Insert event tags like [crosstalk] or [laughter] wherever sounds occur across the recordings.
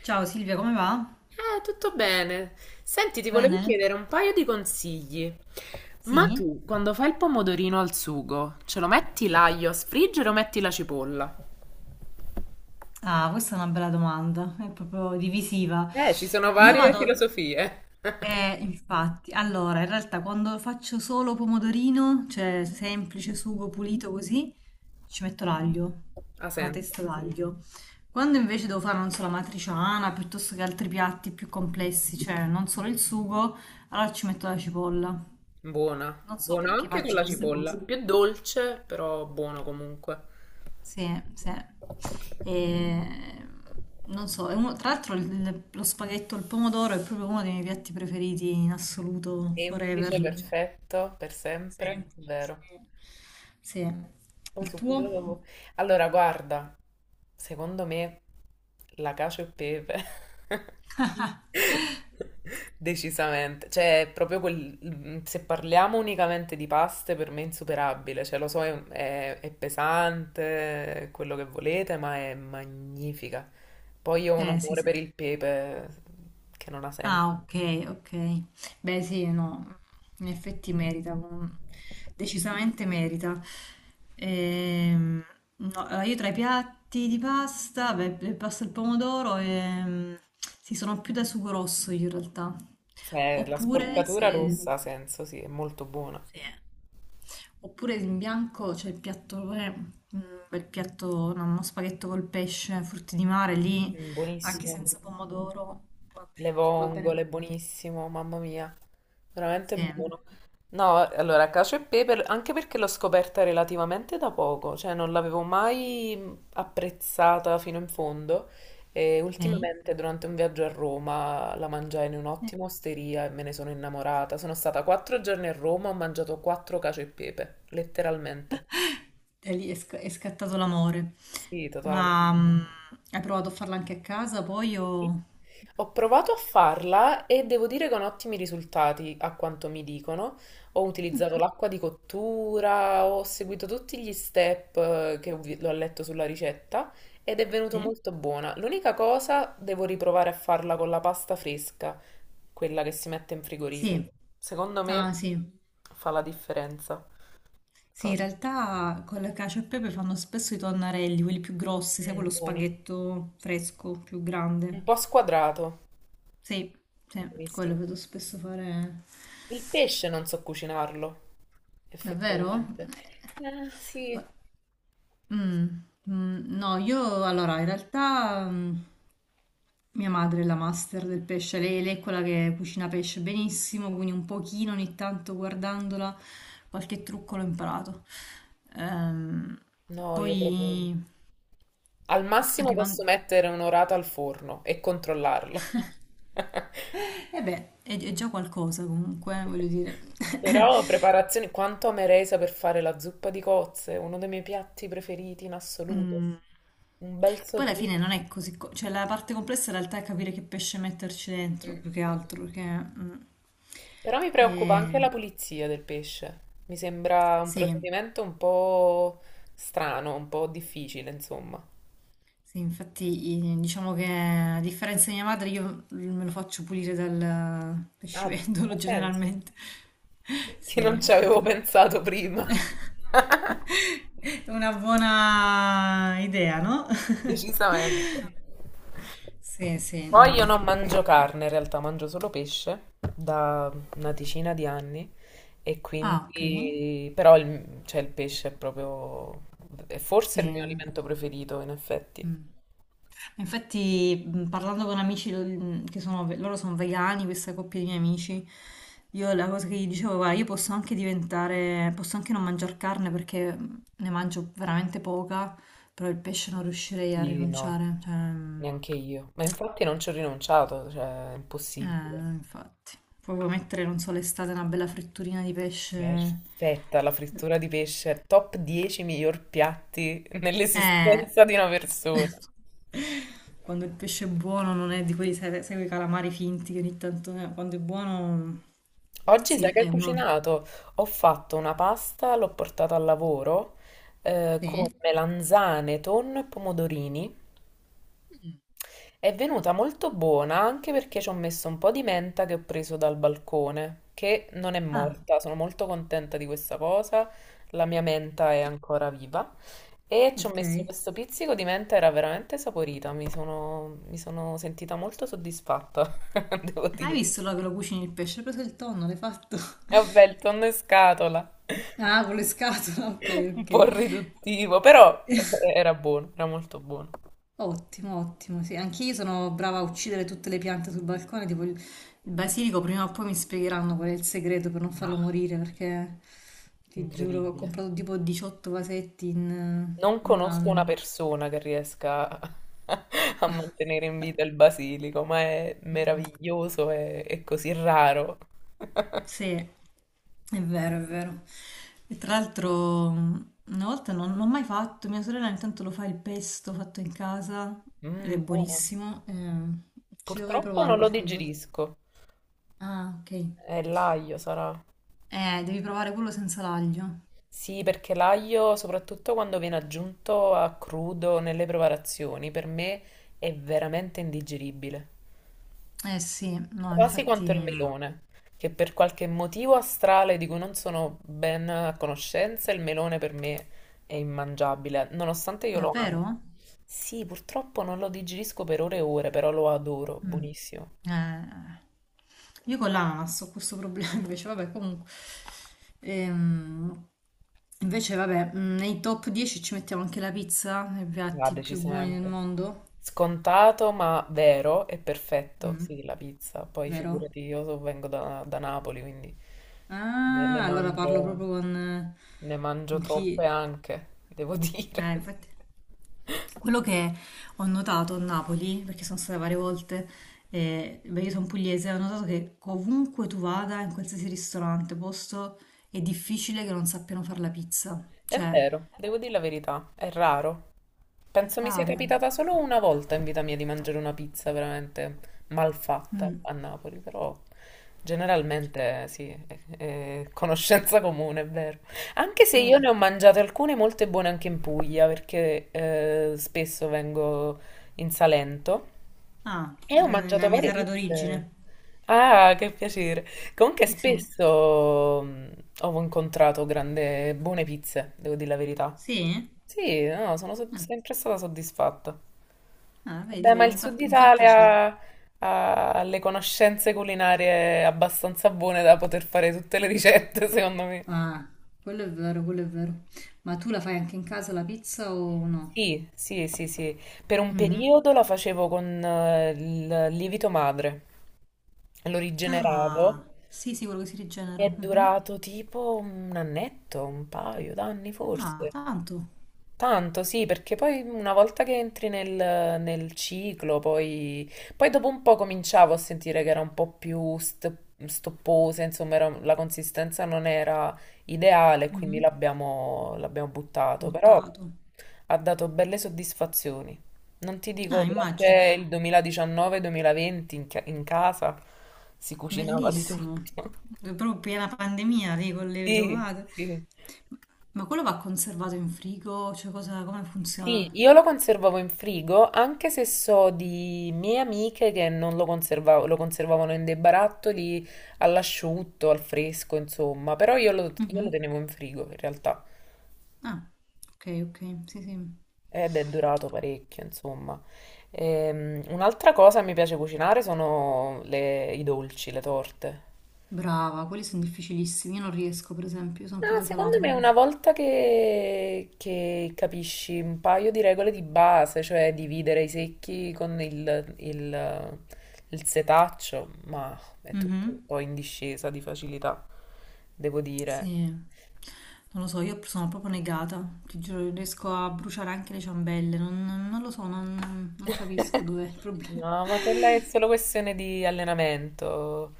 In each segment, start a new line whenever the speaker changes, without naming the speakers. Ciao Silvia, come va?
Tutto bene. Senti,
Tutto
ti volevo
bene?
chiedere un paio di consigli. Ma
Sì?
tu, quando fai il pomodorino al sugo, ce lo metti l'aglio a sfriggere o metti la cipolla?
Ah, questa è una bella domanda, è proprio divisiva.
Ci sono
Io
varie
vado,
filosofie.
infatti, allora, in realtà quando faccio solo pomodorino, cioè semplice sugo pulito così, ci metto l'aglio,
Ha
una
senso.
testa d'aglio. Quando invece devo fare, non so, la matriciana, piuttosto che altri piatti più complessi, cioè non solo il sugo, allora ci metto la cipolla.
Buona.
Non so
Buona
perché
anche con
faccio
la
queste
cipolla.
cose.
Più dolce, però buono comunque.
Sì, sì. E, non so, tra lo spaghetto al pomodoro è proprio uno dei miei piatti preferiti in assoluto, forever.
Semplice,
Mm. Cioè,
perfetto, per sempre,
sempre, sì.
vero.
Sì.
Poi
Il
subito
tuo?
dopo. Allora, guarda, secondo me la cacio e pepe. [laughs]
[laughs]
Decisamente, cioè è proprio quel, se parliamo unicamente di paste per me è insuperabile, cioè lo so è pesante, è quello che volete, ma è magnifica. Poi io ho un
Sì,
amore
sì.
per il pepe che non ha senso,
Ah, ok, ok. Beh, sì, no, in effetti merita, decisamente merita. Ehm, no, allora, io tra i piatti di pasta, beh, il pasta al pomodoro, sì, sono più da sugo rosso io in realtà.
cioè la
Oppure,
sporcatura rossa
se,
ha senso, sì, è molto buona.
sì, eh. Oppure in bianco c'è il piatto, un bel piatto, no, uno spaghetto col pesce, frutti di mare, lì,
Mm,
anche
buonissimo.
senza pomodoro,
Le
va bene, va
vongole,
bene.
buonissimo, mamma mia, veramente
Sì.
buono. No, allora, cacio e pepe, anche perché l'ho scoperta relativamente da poco, cioè non l'avevo mai apprezzata fino in fondo e
Okay.
ultimamente durante un viaggio a Roma la mangiai in
Eh,
un'ottima osteria e me ne sono innamorata. Sono stata 4 giorni a Roma, ho mangiato quattro cacio e pepe, letteralmente.
da lì è, è scattato l'amore.
Sì, totale.
Ma hai provato a farla anche a casa poi o...
Ho provato a farla e devo dire con ottimi risultati, a quanto mi dicono. Ho utilizzato l'acqua di cottura, ho seguito tutti gli step che l'ho letto sulla ricetta ed è venuto
Sì?
molto buona. L'unica cosa, devo riprovare a farla con la pasta fresca, quella che si mette in frigorifero.
Sì.
Secondo
Ah
me
sì.
fa la differenza.
Sì,
Fa...
in realtà con la cacio e pepe fanno spesso i tonnarelli, quelli più grossi, sai, quello
Mm, buoni.
spaghetto fresco, più grande.
Un po' squadrato.
Sì, sì, quello
Buonissimo.
vedo spesso fare.
Il pesce non so cucinarlo,
Davvero?
effettivamente. Ah, sì.
Ma- Mm, no, io allora in realtà mia madre è la master del pesce, lei, è quella che cucina pesce benissimo, quindi un pochino ogni tanto guardandola qualche trucco l'ho imparato. Ehm,
No, io proprio...
poi
Al massimo posso
arrivando...
mettere un'orata al forno e controllarla. [laughs]
E beh, è già qualcosa comunque, voglio dire. [coughs]
Però preparazioni... Quanto amerei saper fare la zuppa di cozze, uno dei miei piatti preferiti in assoluto.
Mm.
Un bel
Che poi alla
sauté.
fine non è così, cioè la parte complessa in realtà è capire che pesce metterci dentro,
Mm.
più che altro, perché
Però mi preoccupa anche
eh,
la pulizia del pesce. Mi sembra un
sì,
procedimento un po' strano, un po' difficile, insomma.
sì, infatti diciamo che a differenza di mia madre io me lo faccio pulire dal
Ah,
pescivendolo [laughs]
ha senso.
generalmente,
Che non
sì,
ci
anche
avevo
perché
pensato prima. [laughs]
[laughs] è una buona idea, no? [laughs]
Decisamente.
Sì, sì,
Poi
no.
io non mangio carne, in realtà mangio solo pesce da una decina di anni e
Ah, ok,
quindi però il pesce è forse il mio
sì.
alimento preferito in effetti.
Mm. Infatti, parlando con amici che sono, loro sono vegani, questa coppia di miei amici, io la cosa che gli dicevo, guarda, io posso anche diventare, posso anche non mangiare carne perché ne mangio veramente poca, però il pesce non riuscirei a
Quindi no,
rinunciare. Cioè,
neanche io. Ma infatti non ci ho rinunciato, cioè è
eh,
impossibile.
infatti, proprio mettere, non so, l'estate una bella fritturina di pesce.
Perfetta, la frittura di pesce, top 10 miglior piatti
Eh.
nell'esistenza di una persona.
[laughs] Quando il pesce è buono non è di quelli, sai, sai quei calamari finti che ogni tanto... quando è buono...
Oggi sai
Sì,
che ho
è uno...
cucinato? Ho fatto una pasta, l'ho portata al lavoro
Sì?
con melanzane, tonno e pomodorini. È venuta molto buona anche perché ci ho messo un po' di menta che ho preso dal balcone, che non è
Ah,
morta, sono molto contenta di questa cosa, la mia menta è ancora viva e ci ho
ok.
messo questo pizzico di menta, era veramente saporita, mi sono sentita molto soddisfatta, [laughs] devo
Hai
dire.
visto là che lo cucini il pesce? Hai preso il tonno, l'hai fatto?
E vabbè,
[laughs]
il tonno in scatola,
Ah, con le scatole, [laughs] ok,
[laughs] un
ok.
po' riduttivo, però
[laughs]
era buono, era molto buono.
Ottimo, ottimo. Sì, anch'io sono brava a uccidere tutte le piante sul balcone. Tipo il basilico, prima o poi mi spiegheranno qual è il segreto per non
No,
farlo morire. Perché ti giuro, ho
incredibile.
comprato tipo 18 vasetti
Non
in un
conosco una
anno.
persona che riesca a [laughs] a mantenere in
Cioè,
vita il basilico, ma è
mamma-
meraviglioso e è così raro.
sì, è vero, è vero. E tra l'altro, una volta non ho mai fatto. Mia sorella intanto lo fa il pesto fatto in casa ed è
Mm, buono.
buonissimo. Ci dovrei
Purtroppo
provare
non lo
qualche volta.
digerisco.
Ah, ok.
È l'aglio, sarà.
Devi provare quello senza l'aglio.
Sì, perché l'aglio, soprattutto quando viene aggiunto a crudo nelle preparazioni, per me è veramente indigeribile.
Eh sì, no,
Quasi quanto il
infatti,
melone, che per qualche motivo astrale di cui non sono ben a conoscenza, il melone per me è immangiabile, nonostante io lo
davvero?
ami. Sì, purtroppo non lo digerisco per ore e ore, però lo adoro,
Mm.
buonissimo.
Eh, io con l'ananas ho questo problema [laughs] invece, vabbè, comunque. Ehm, invece, vabbè, nei top 10 ci mettiamo anche la pizza, nei
Va,
piatti più buoni del
decisamente.
mondo.
Scontato ma vero e perfetto.
Mm,
Sì, la pizza. Poi
vero?
figurati, vengo da Napoli, quindi ne,
Ah,
ne
allora parlo
mangio,
proprio
ne mangio
con
troppe
chi...
anche, devo dire. [laughs]
Infatti... Quello che ho notato a Napoli, perché sono stata varie volte, e, beh, io sono pugliese, ho notato che ovunque tu vada, in qualsiasi ristorante, posto, è difficile che non sappiano fare la pizza.
È
Cioè,
vero, devo dire la verità, è raro.
è
Penso mi sia
raro.
capitata solo una volta in vita mia di mangiare una pizza veramente malfatta
Mm.
a Napoli, però generalmente sì, è conoscenza comune, è vero. Anche se io
Eh,
ne ho mangiate alcune molte buone anche in Puglia, perché spesso vengo in Salento e ho
Nella
mangiato
mia
varie
terra
pizze.
d'origine.
Ah, che piacere. Comunque
Sì.
spesso ho incontrato buone pizze, devo dire la verità.
Sì?
Sì, no, sono
Ah,
sempre stata soddisfatta.
ah,
Vabbè,
vedi,
ma
vedi,
il Sud
mi fa piacere.
Italia ha le conoscenze culinarie abbastanza buone da poter fare tutte le ricette, [laughs] secondo me.
Ah, quello è vero, quello è vero. Ma tu la fai anche in casa la pizza o no?
Sì, sì, sì, sì. Per un
Mhm.
periodo la facevo con il lievito madre. Lo rigeneravo.
Ah, sì, sì, quello che si
Mi
rigenera.
è
Mhm.
durato tipo un annetto, un paio d'anni
Ah,
forse.
tanto.
Tanto, sì, perché poi una volta che entri nel ciclo, poi dopo un po' cominciavo a sentire che era un po' più stopposa, insomma, la consistenza non era ideale, quindi
Mhm.
l'abbiamo buttato, però
Buttato.
ha dato belle soddisfazioni. Non ti dico,
Ah, immagino.
durante il 2019-2020 in casa si cucinava di
Bellissimo.
tutto.
È proprio piena pandemia lì con le
Sì,
tomate.
sì.
Ma quello va conservato in frigo? Cioè, cosa, come funziona?
Sì, io lo conservavo in frigo, anche se so di mie amiche che non lo conservavo, lo conservavano in dei barattoli all'asciutto, al fresco, insomma, però io lo
Mhm.
tenevo in frigo in realtà
Ah, ok, ok. Sì, sì.
ed è durato parecchio, insomma. Un'altra cosa che mi piace cucinare sono i dolci, le torte.
Brava, quelli sono difficilissimi. Io non riesco, per esempio, io sono più
No,
da
secondo
salato.
me
Non...
una volta che capisci un paio di regole di base, cioè dividere i secchi con il setaccio, ma è tutto un
Mhm.
po' in discesa di facilità, devo dire.
Sì, non lo so, io sono proprio negata, ti giuro, riesco a bruciare anche le ciambelle, non lo so, non capisco dov'è il problema.
No,
[laughs]
ma quella è solo questione di allenamento.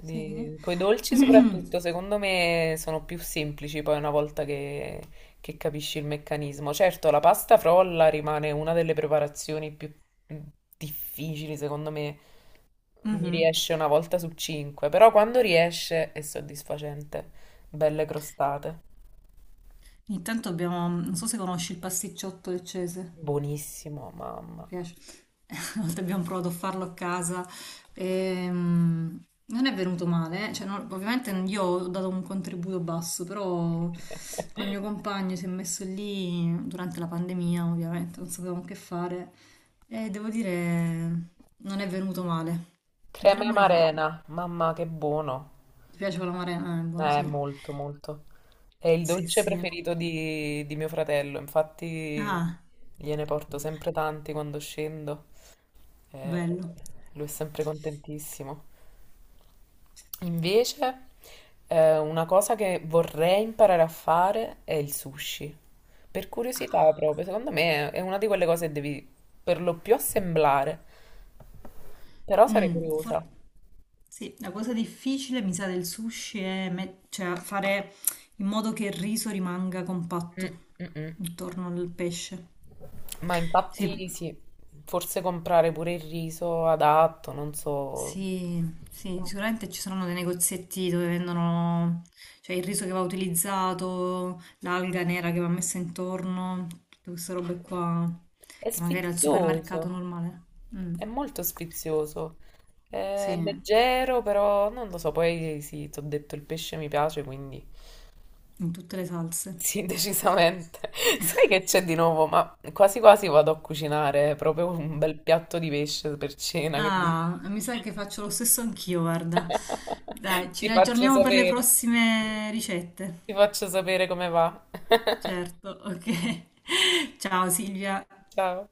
Sì.
Con i dolci soprattutto, secondo me sono più semplici poi una volta che capisci il meccanismo. Certo, la pasta frolla rimane una delle preparazioni più difficili, secondo me. Mi
Mhm.
riesce una volta su cinque, però quando riesce è soddisfacente. Belle crostate.
Intanto abbiamo, non so se conosci il pasticciotto leccese.
Buonissimo, mamma.
Piace. [laughs] Una volta abbiamo provato a farlo a casa. Non è venuto male, eh. Cioè, ovviamente io ho dato un contributo basso, però con il
[laughs]
mio compagno si è messo lì durante la pandemia, ovviamente, non sapevamo che fare e devo dire non è venuto male.
Crema e
Dovremmo rifarlo.
marena, mamma che buono.
Ti piace con la marena? Buono, sì.
Molto, molto. È il
Sì,
dolce
sì.
preferito di mio fratello, infatti
Ah,
gliene porto sempre tanti quando scendo. eh,
bello.
lui è sempre contentissimo. Invece, una cosa che vorrei imparare a fare è il sushi. Per curiosità proprio, secondo me è una di quelle cose che devi per lo più assemblare, però sarei
Mm, for-
curiosa.
Sì, la cosa difficile, mi sa, del sushi è cioè, fare in modo che il riso rimanga
Mm,
compatto
mm, mm.
intorno al pesce.
Ma
Sì,
infatti sì, forse comprare pure il riso adatto, non so.
sì, sì, sicuramente ci saranno dei negozietti dove vendono, cioè, il riso che va utilizzato, l'alga nera che va messa intorno, tutte queste robe qua,
È
che magari al supermercato
sfizioso,
normale. Mm,
è molto sfizioso.
sì,
È
in
leggero, però non lo so, poi sì, ti ho detto il pesce mi piace, quindi
tutte le salse.
sì, [laughs] decisamente. Sai che c'è di nuovo? Ma quasi quasi vado a cucinare proprio un bel piatto di pesce per cena, che dici?
Ah, mi sa che faccio lo stesso anch'io, guarda. Dai,
[laughs]
ci
Ti faccio
riaggiorniamo per le
sapere.
prossime ricette.
Ti faccio sapere come va.
Certo, ok. [laughs] Ciao Silvia.
Ciao.